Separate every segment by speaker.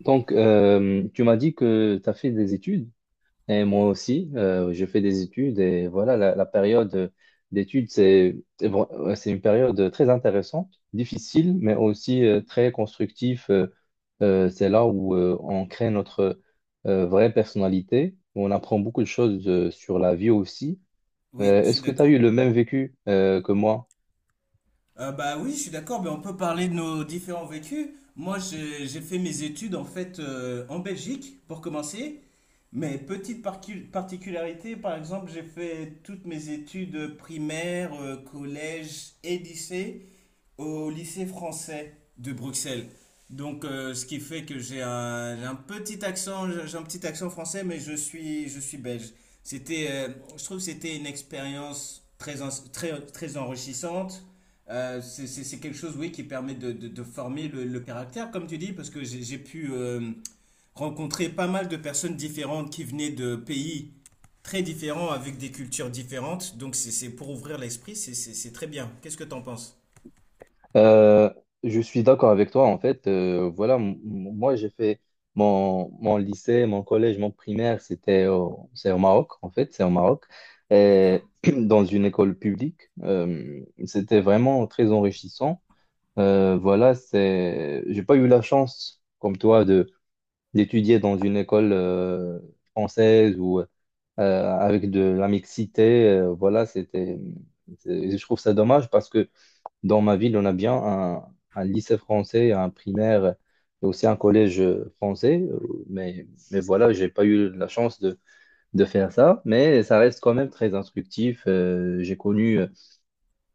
Speaker 1: Donc, tu m'as dit que tu as fait des études, et moi aussi, j'ai fait des études, et voilà, la période d'études, ouais, c'est une période très intéressante, difficile, mais aussi très constructive. C'est là où on crée notre vraie personnalité, où on apprend beaucoup de choses sur la vie aussi.
Speaker 2: Oui, je suis
Speaker 1: Est-ce que tu as
Speaker 2: d'accord.
Speaker 1: eu le même vécu que moi?
Speaker 2: Bah oui, je suis d'accord, mais on peut parler de nos différents vécus. Moi, j'ai fait mes études en fait en Belgique pour commencer. Mais petite particularité, par exemple, j'ai fait toutes mes études primaires, collège et lycée au lycée français de Bruxelles. Donc, ce qui fait que j'ai un petit accent, j'ai un petit accent français, mais je suis belge. C'était, euh, je trouve que c'était une expérience très, très, très enrichissante. C'est quelque chose, oui, qui permet de former le caractère, comme tu dis, parce que j'ai pu rencontrer pas mal de personnes différentes qui venaient de pays très différents, avec des cultures différentes. Donc, c'est pour ouvrir l'esprit, c'est très bien. Qu'est-ce que tu en penses?
Speaker 1: Euh, je suis d'accord avec toi. En fait, voilà, moi j'ai fait mon, mon lycée, mon collège, mon primaire, c'est au Maroc. En fait, c'est au Maroc,
Speaker 2: D'accord.
Speaker 1: et dans une école publique. C'était vraiment très enrichissant. Voilà, c'est, j'ai pas eu la chance, comme toi, de d'étudier dans une école française ou avec de la mixité. Voilà, c'était, je trouve ça dommage parce que dans ma ville, on a bien un lycée français, un primaire et aussi un collège français. Mais voilà, j'ai pas eu la chance de faire ça. Mais ça reste quand même très instructif. J'ai connu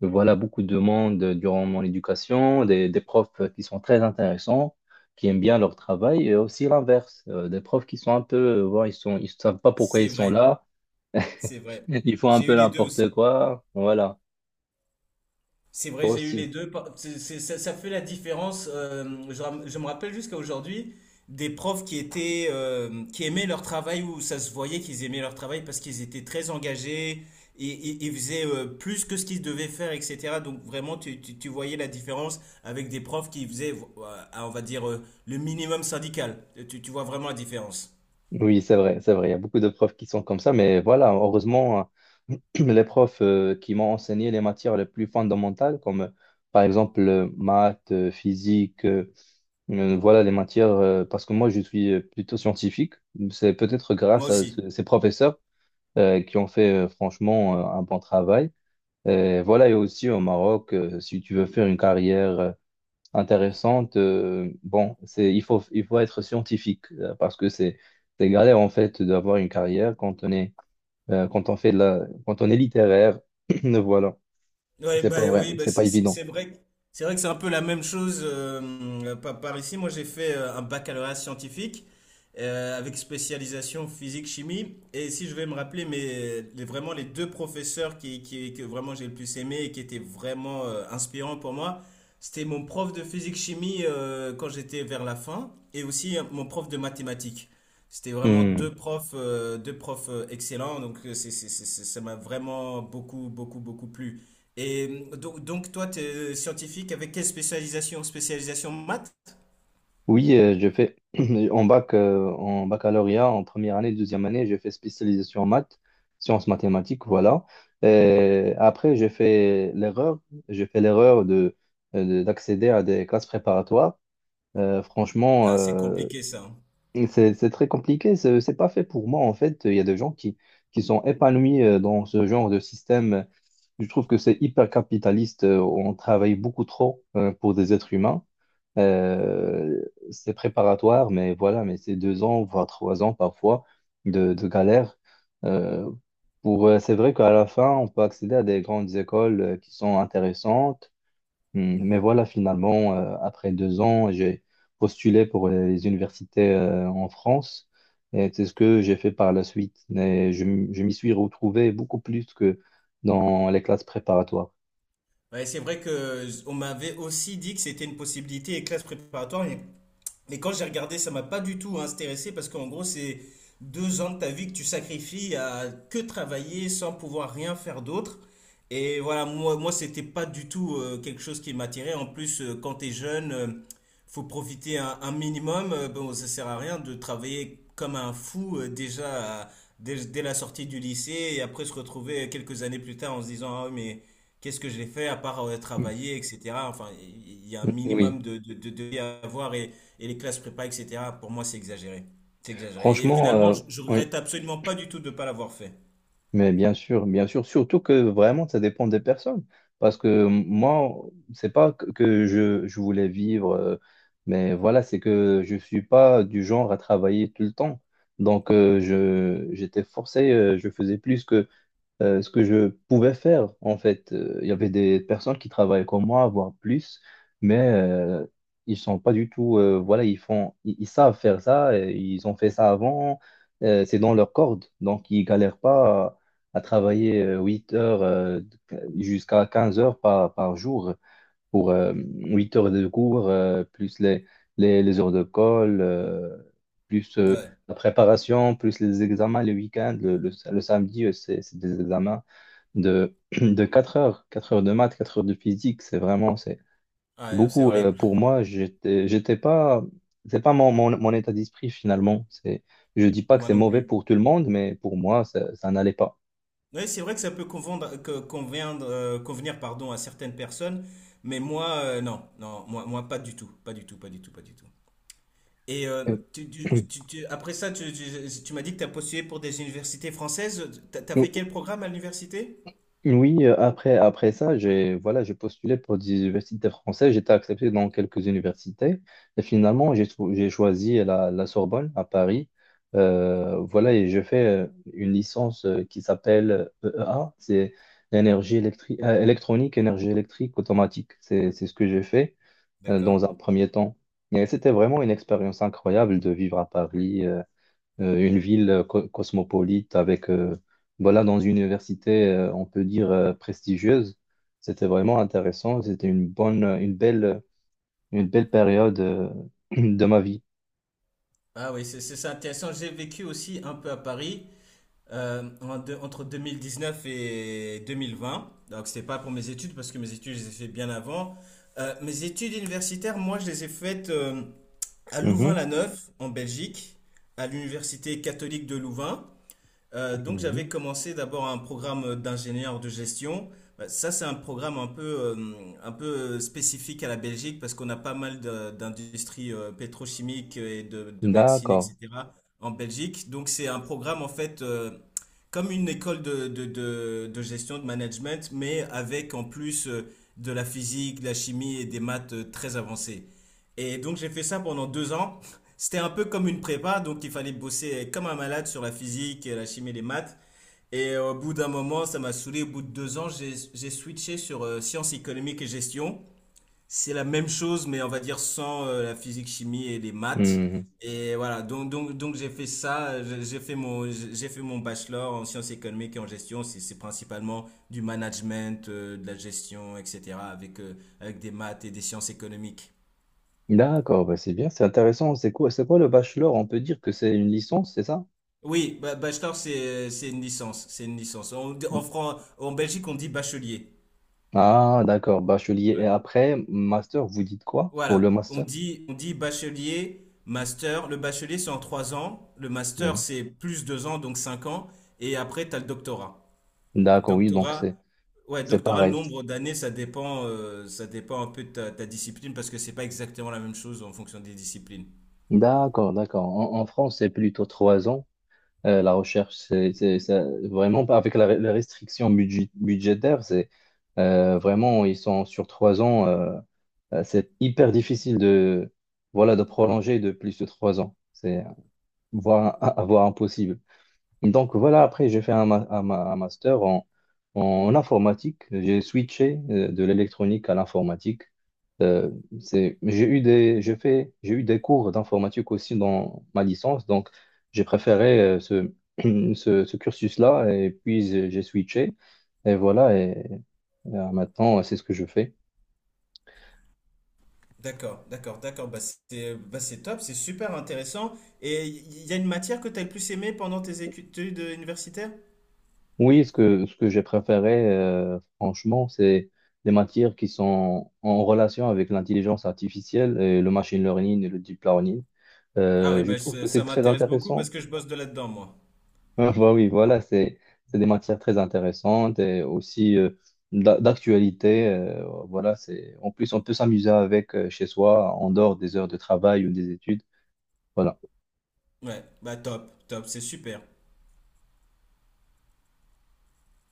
Speaker 1: voilà, beaucoup de monde durant mon éducation, des profs qui sont très intéressants, qui aiment bien leur travail, et aussi l'inverse, des profs qui sont un peu, voilà, ils savent pas pourquoi ils
Speaker 2: C'est
Speaker 1: sont
Speaker 2: vrai,
Speaker 1: là,
Speaker 2: c'est vrai.
Speaker 1: ils font un
Speaker 2: J'ai eu
Speaker 1: peu
Speaker 2: les deux
Speaker 1: n'importe
Speaker 2: aussi.
Speaker 1: quoi. Voilà,
Speaker 2: C'est vrai,
Speaker 1: toi
Speaker 2: j'ai eu les
Speaker 1: aussi.
Speaker 2: deux. Ça, ça fait la différence. Je me rappelle jusqu'à aujourd'hui des profs qui étaient, qui aimaient leur travail où ça se voyait qu'ils aimaient leur travail parce qu'ils étaient très engagés et ils faisaient plus que ce qu'ils devaient faire, etc. Donc vraiment, tu voyais la différence avec des profs qui faisaient, on va dire, le minimum syndical. Tu vois vraiment la différence.
Speaker 1: Oui, c'est vrai, c'est vrai. Il y a beaucoup de profs qui sont comme ça, mais voilà, heureusement, les profs qui m'ont enseigné les matières les plus fondamentales, comme par exemple maths, physique, voilà les matières, parce que moi je suis plutôt scientifique. C'est peut-être grâce
Speaker 2: Moi
Speaker 1: à
Speaker 2: aussi.
Speaker 1: ces professeurs qui ont fait franchement un bon travail. Et voilà, et aussi au Maroc, si tu veux faire une carrière intéressante. Bon, c'est, il faut être scientifique parce que c'est galère en fait d'avoir une carrière quand on fait de la, quand on est littéraire. Voilà,
Speaker 2: Ouais,
Speaker 1: c'est
Speaker 2: bah
Speaker 1: pas vrai,
Speaker 2: oui, bah
Speaker 1: c'est pas évident.
Speaker 2: c'est vrai que c'est un peu la même chose par ici. Moi, j'ai fait un baccalauréat scientifique avec spécialisation physique-chimie. Et si je vais me rappeler, mais vraiment les deux professeurs que vraiment j'ai le plus aimé et qui étaient vraiment inspirants pour moi, c'était mon prof de physique-chimie quand j'étais vers la fin et aussi mon prof de mathématiques. C'était vraiment
Speaker 1: Hmm.
Speaker 2: deux profs excellents, donc ça m'a vraiment beaucoup, beaucoup, beaucoup plu. Donc, toi, tu es scientifique avec quelle spécialisation? Spécialisation maths?
Speaker 1: Oui, je fais en baccalauréat, en première année, deuxième année, j'ai fait spécialisation en maths, sciences mathématiques, voilà. Et après, j'ai fait l'erreur de d'accéder à des classes préparatoires. Franchement,
Speaker 2: Ah, c'est compliqué ça. Hein.
Speaker 1: et c'est très compliqué, c'est pas fait pour moi en fait. Il y a des gens qui sont épanouis dans ce genre de système. Je trouve que c'est hyper capitaliste. On travaille beaucoup trop pour des êtres humains. Euh, c'est préparatoire, mais voilà, mais c'est deux ans, voire trois ans parfois de, galère. Euh, pour, c'est vrai qu'à la fin, on peut accéder à des grandes écoles qui sont intéressantes. Mais voilà, finalement, après deux ans, j'ai postulé pour les universités en France, et c'est ce que j'ai fait par la suite. Mais je m'y suis retrouvé beaucoup plus que dans les classes préparatoires.
Speaker 2: Ouais, c'est vrai que on m'avait aussi dit que c'était une possibilité et classe préparatoire, mais quand j'ai regardé, ça m'a pas du tout intéressé parce qu'en gros, c'est deux ans de ta vie que tu sacrifies à que travailler sans pouvoir rien faire d'autre. Et voilà, moi, c'était pas du tout quelque chose qui m'attirait. En plus, quand t'es jeune, faut profiter un minimum. Bon, ça sert à rien de travailler comme un fou dès la sortie du lycée et après se retrouver quelques années plus tard en se disant, ah oui, mais qu'est-ce que j'ai fait à part
Speaker 1: Hmm.
Speaker 2: travailler, etc. Enfin, il y a un
Speaker 1: Hmm. Oui,
Speaker 2: minimum de vie à avoir et, les classes prépa, etc. Pour moi, c'est exagéré. C'est exagéré. Et
Speaker 1: franchement,
Speaker 2: finalement,
Speaker 1: euh,
Speaker 2: je regrette absolument pas du tout de ne pas l'avoir fait.
Speaker 1: mais bien sûr, surtout que vraiment, ça dépend des personnes. Parce que moi, c'est pas que je voulais vivre, mais voilà, c'est que je suis pas du genre à travailler tout le temps. Donc, j'étais forcé, je faisais plus que ce que je pouvais faire, en fait. Il y avait des personnes qui travaillaient comme moi, voire plus, mais ils sont pas du tout, voilà, ils savent faire ça, et ils ont fait ça avant, c'est dans leur corde, donc ils galèrent pas à travailler 8 heures jusqu'à 15 heures par jour pour 8 heures de cours, plus les heures de colle, plus
Speaker 2: Ouais.
Speaker 1: la préparation, plus les examens les week-ends. Le samedi, c'est des examens de, de 4 heures, 4 heures de maths, 4 heures de physique. C'est vraiment, c'est
Speaker 2: Ouais, c'est
Speaker 1: beaucoup
Speaker 2: horrible.
Speaker 1: pour moi. J'étais pas, c'est pas mon état d'esprit finalement. C'est, je dis pas que
Speaker 2: Moi
Speaker 1: c'est
Speaker 2: non
Speaker 1: mauvais
Speaker 2: plus.
Speaker 1: pour tout le monde, mais pour moi, ça n'allait pas.
Speaker 2: Oui, c'est vrai que ça peut convenir, pardon, à certaines personnes, mais moi, non, non, moi, pas du tout, pas du tout, pas du tout, pas du tout. Et euh, après ça, tu m'as dit que tu as postulé pour des universités françaises. Tu as fait quel programme à l'université?
Speaker 1: Oui, après ça, j'ai postulé pour des universités françaises. J'étais accepté dans quelques universités. Et finalement, j'ai choisi la Sorbonne à Paris. Voilà, et je fais une licence qui s'appelle EEA. C'est l'énergie électrique, électronique, énergie électrique automatique. C'est ce que j'ai fait
Speaker 2: D'accord.
Speaker 1: dans un premier temps. Et c'était vraiment une expérience incroyable de vivre à Paris. Une ville cosmopolite avec, voilà, dans une université, on peut dire, prestigieuse. C'était vraiment intéressant. C'était une belle période, de ma vie.
Speaker 2: Ah oui, c'est intéressant. J'ai vécu aussi un peu à Paris entre neuf et 2020. Donc c'était pas pour mes études parce que mes études je les ai faites bien avant. Mes études universitaires, moi je les ai faites à
Speaker 1: Mhm,
Speaker 2: Louvain-la-Neuve en Belgique, à l'université catholique de Louvain. Donc
Speaker 1: mhm.
Speaker 2: j'avais commencé d'abord un programme d'ingénieur de gestion. Bah, ça, c'est un programme un peu spécifique à la Belgique parce qu'on a pas mal d'industries pétrochimiques et de médecine,
Speaker 1: D'accord.
Speaker 2: etc. en Belgique. Donc c'est un programme en fait comme une école de gestion, de management, mais avec en plus de la physique, de la chimie et des maths très avancées. Et donc j'ai fait ça pendant 2 ans. C'était un peu comme une prépa, donc il fallait bosser comme un malade sur la physique, la chimie, les maths. Et au bout d'un moment, ça m'a saoulé. Au bout de 2 ans, j'ai switché sur sciences économiques et gestion. C'est la même chose, mais on va dire sans la physique, chimie et les maths.
Speaker 1: Mhm.
Speaker 2: Et voilà, donc j'ai fait ça, j'ai fait mon bachelor en sciences économiques et en gestion. C'est principalement du management, de la gestion, etc. avec, avec des maths et des sciences économiques.
Speaker 1: D'accord, bah, c'est bien, c'est intéressant. C'est quoi le bachelor? On peut dire que c'est une licence, c'est ça?
Speaker 2: Oui, bachelor, c'est une licence. C'est une licence. En Belgique, on dit bachelier.
Speaker 1: Ah, d'accord, bachelier. Et
Speaker 2: Ouais.
Speaker 1: après, master, vous dites quoi pour le
Speaker 2: Voilà.
Speaker 1: master?
Speaker 2: On dit bachelier, master. Le bachelier, c'est en 3 ans. Le master,
Speaker 1: Mhm.
Speaker 2: c'est plus 2 ans, donc 5 ans. Et après, tu as le doctorat.
Speaker 1: D'accord, oui, donc c'est
Speaker 2: Doctorat, ouais,
Speaker 1: c'est
Speaker 2: doctorat, le
Speaker 1: pareil.
Speaker 2: nombre d'années, ça dépend un peu de ta discipline parce que c'est pas exactement la même chose en fonction des disciplines.
Speaker 1: D'accord, d'accord. En France, c'est plutôt trois ans. La recherche, vraiment pas avec la restriction budgétaire, c'est vraiment, ils sont sur trois ans. C'est hyper difficile voilà, de prolonger de plus de trois ans. Voire, voire impossible. Donc voilà, après j'ai fait un master en informatique. J'ai switché de l'électronique à l'informatique. Euh, c'est, j'ai eu des cours d'informatique aussi dans ma licence, donc j'ai préféré ce, ce cursus-là et puis j'ai switché. Et voilà, maintenant c'est ce que je fais.
Speaker 2: D'accord, d'accord, d'accord. Bah, c'est top, c'est super intéressant. Et il y a une matière que tu as le plus aimée pendant tes études universitaires?
Speaker 1: Oui, ce que j'ai préféré, franchement, c'est les matières qui sont en relation avec l'intelligence artificielle et le machine learning et le deep learning.
Speaker 2: Ah oui,
Speaker 1: Je
Speaker 2: bah,
Speaker 1: trouve
Speaker 2: ça
Speaker 1: que
Speaker 2: ça
Speaker 1: c'est très
Speaker 2: m'intéresse beaucoup parce
Speaker 1: intéressant.
Speaker 2: que je bosse de là-dedans, moi.
Speaker 1: Ah, bah oui, voilà, c'est, des matières très intéressantes et aussi d'actualité. Voilà, c'est, en plus, on peut s'amuser avec chez soi en dehors des heures de travail ou des études. Voilà.
Speaker 2: Ouais, bah top, top, c'est super.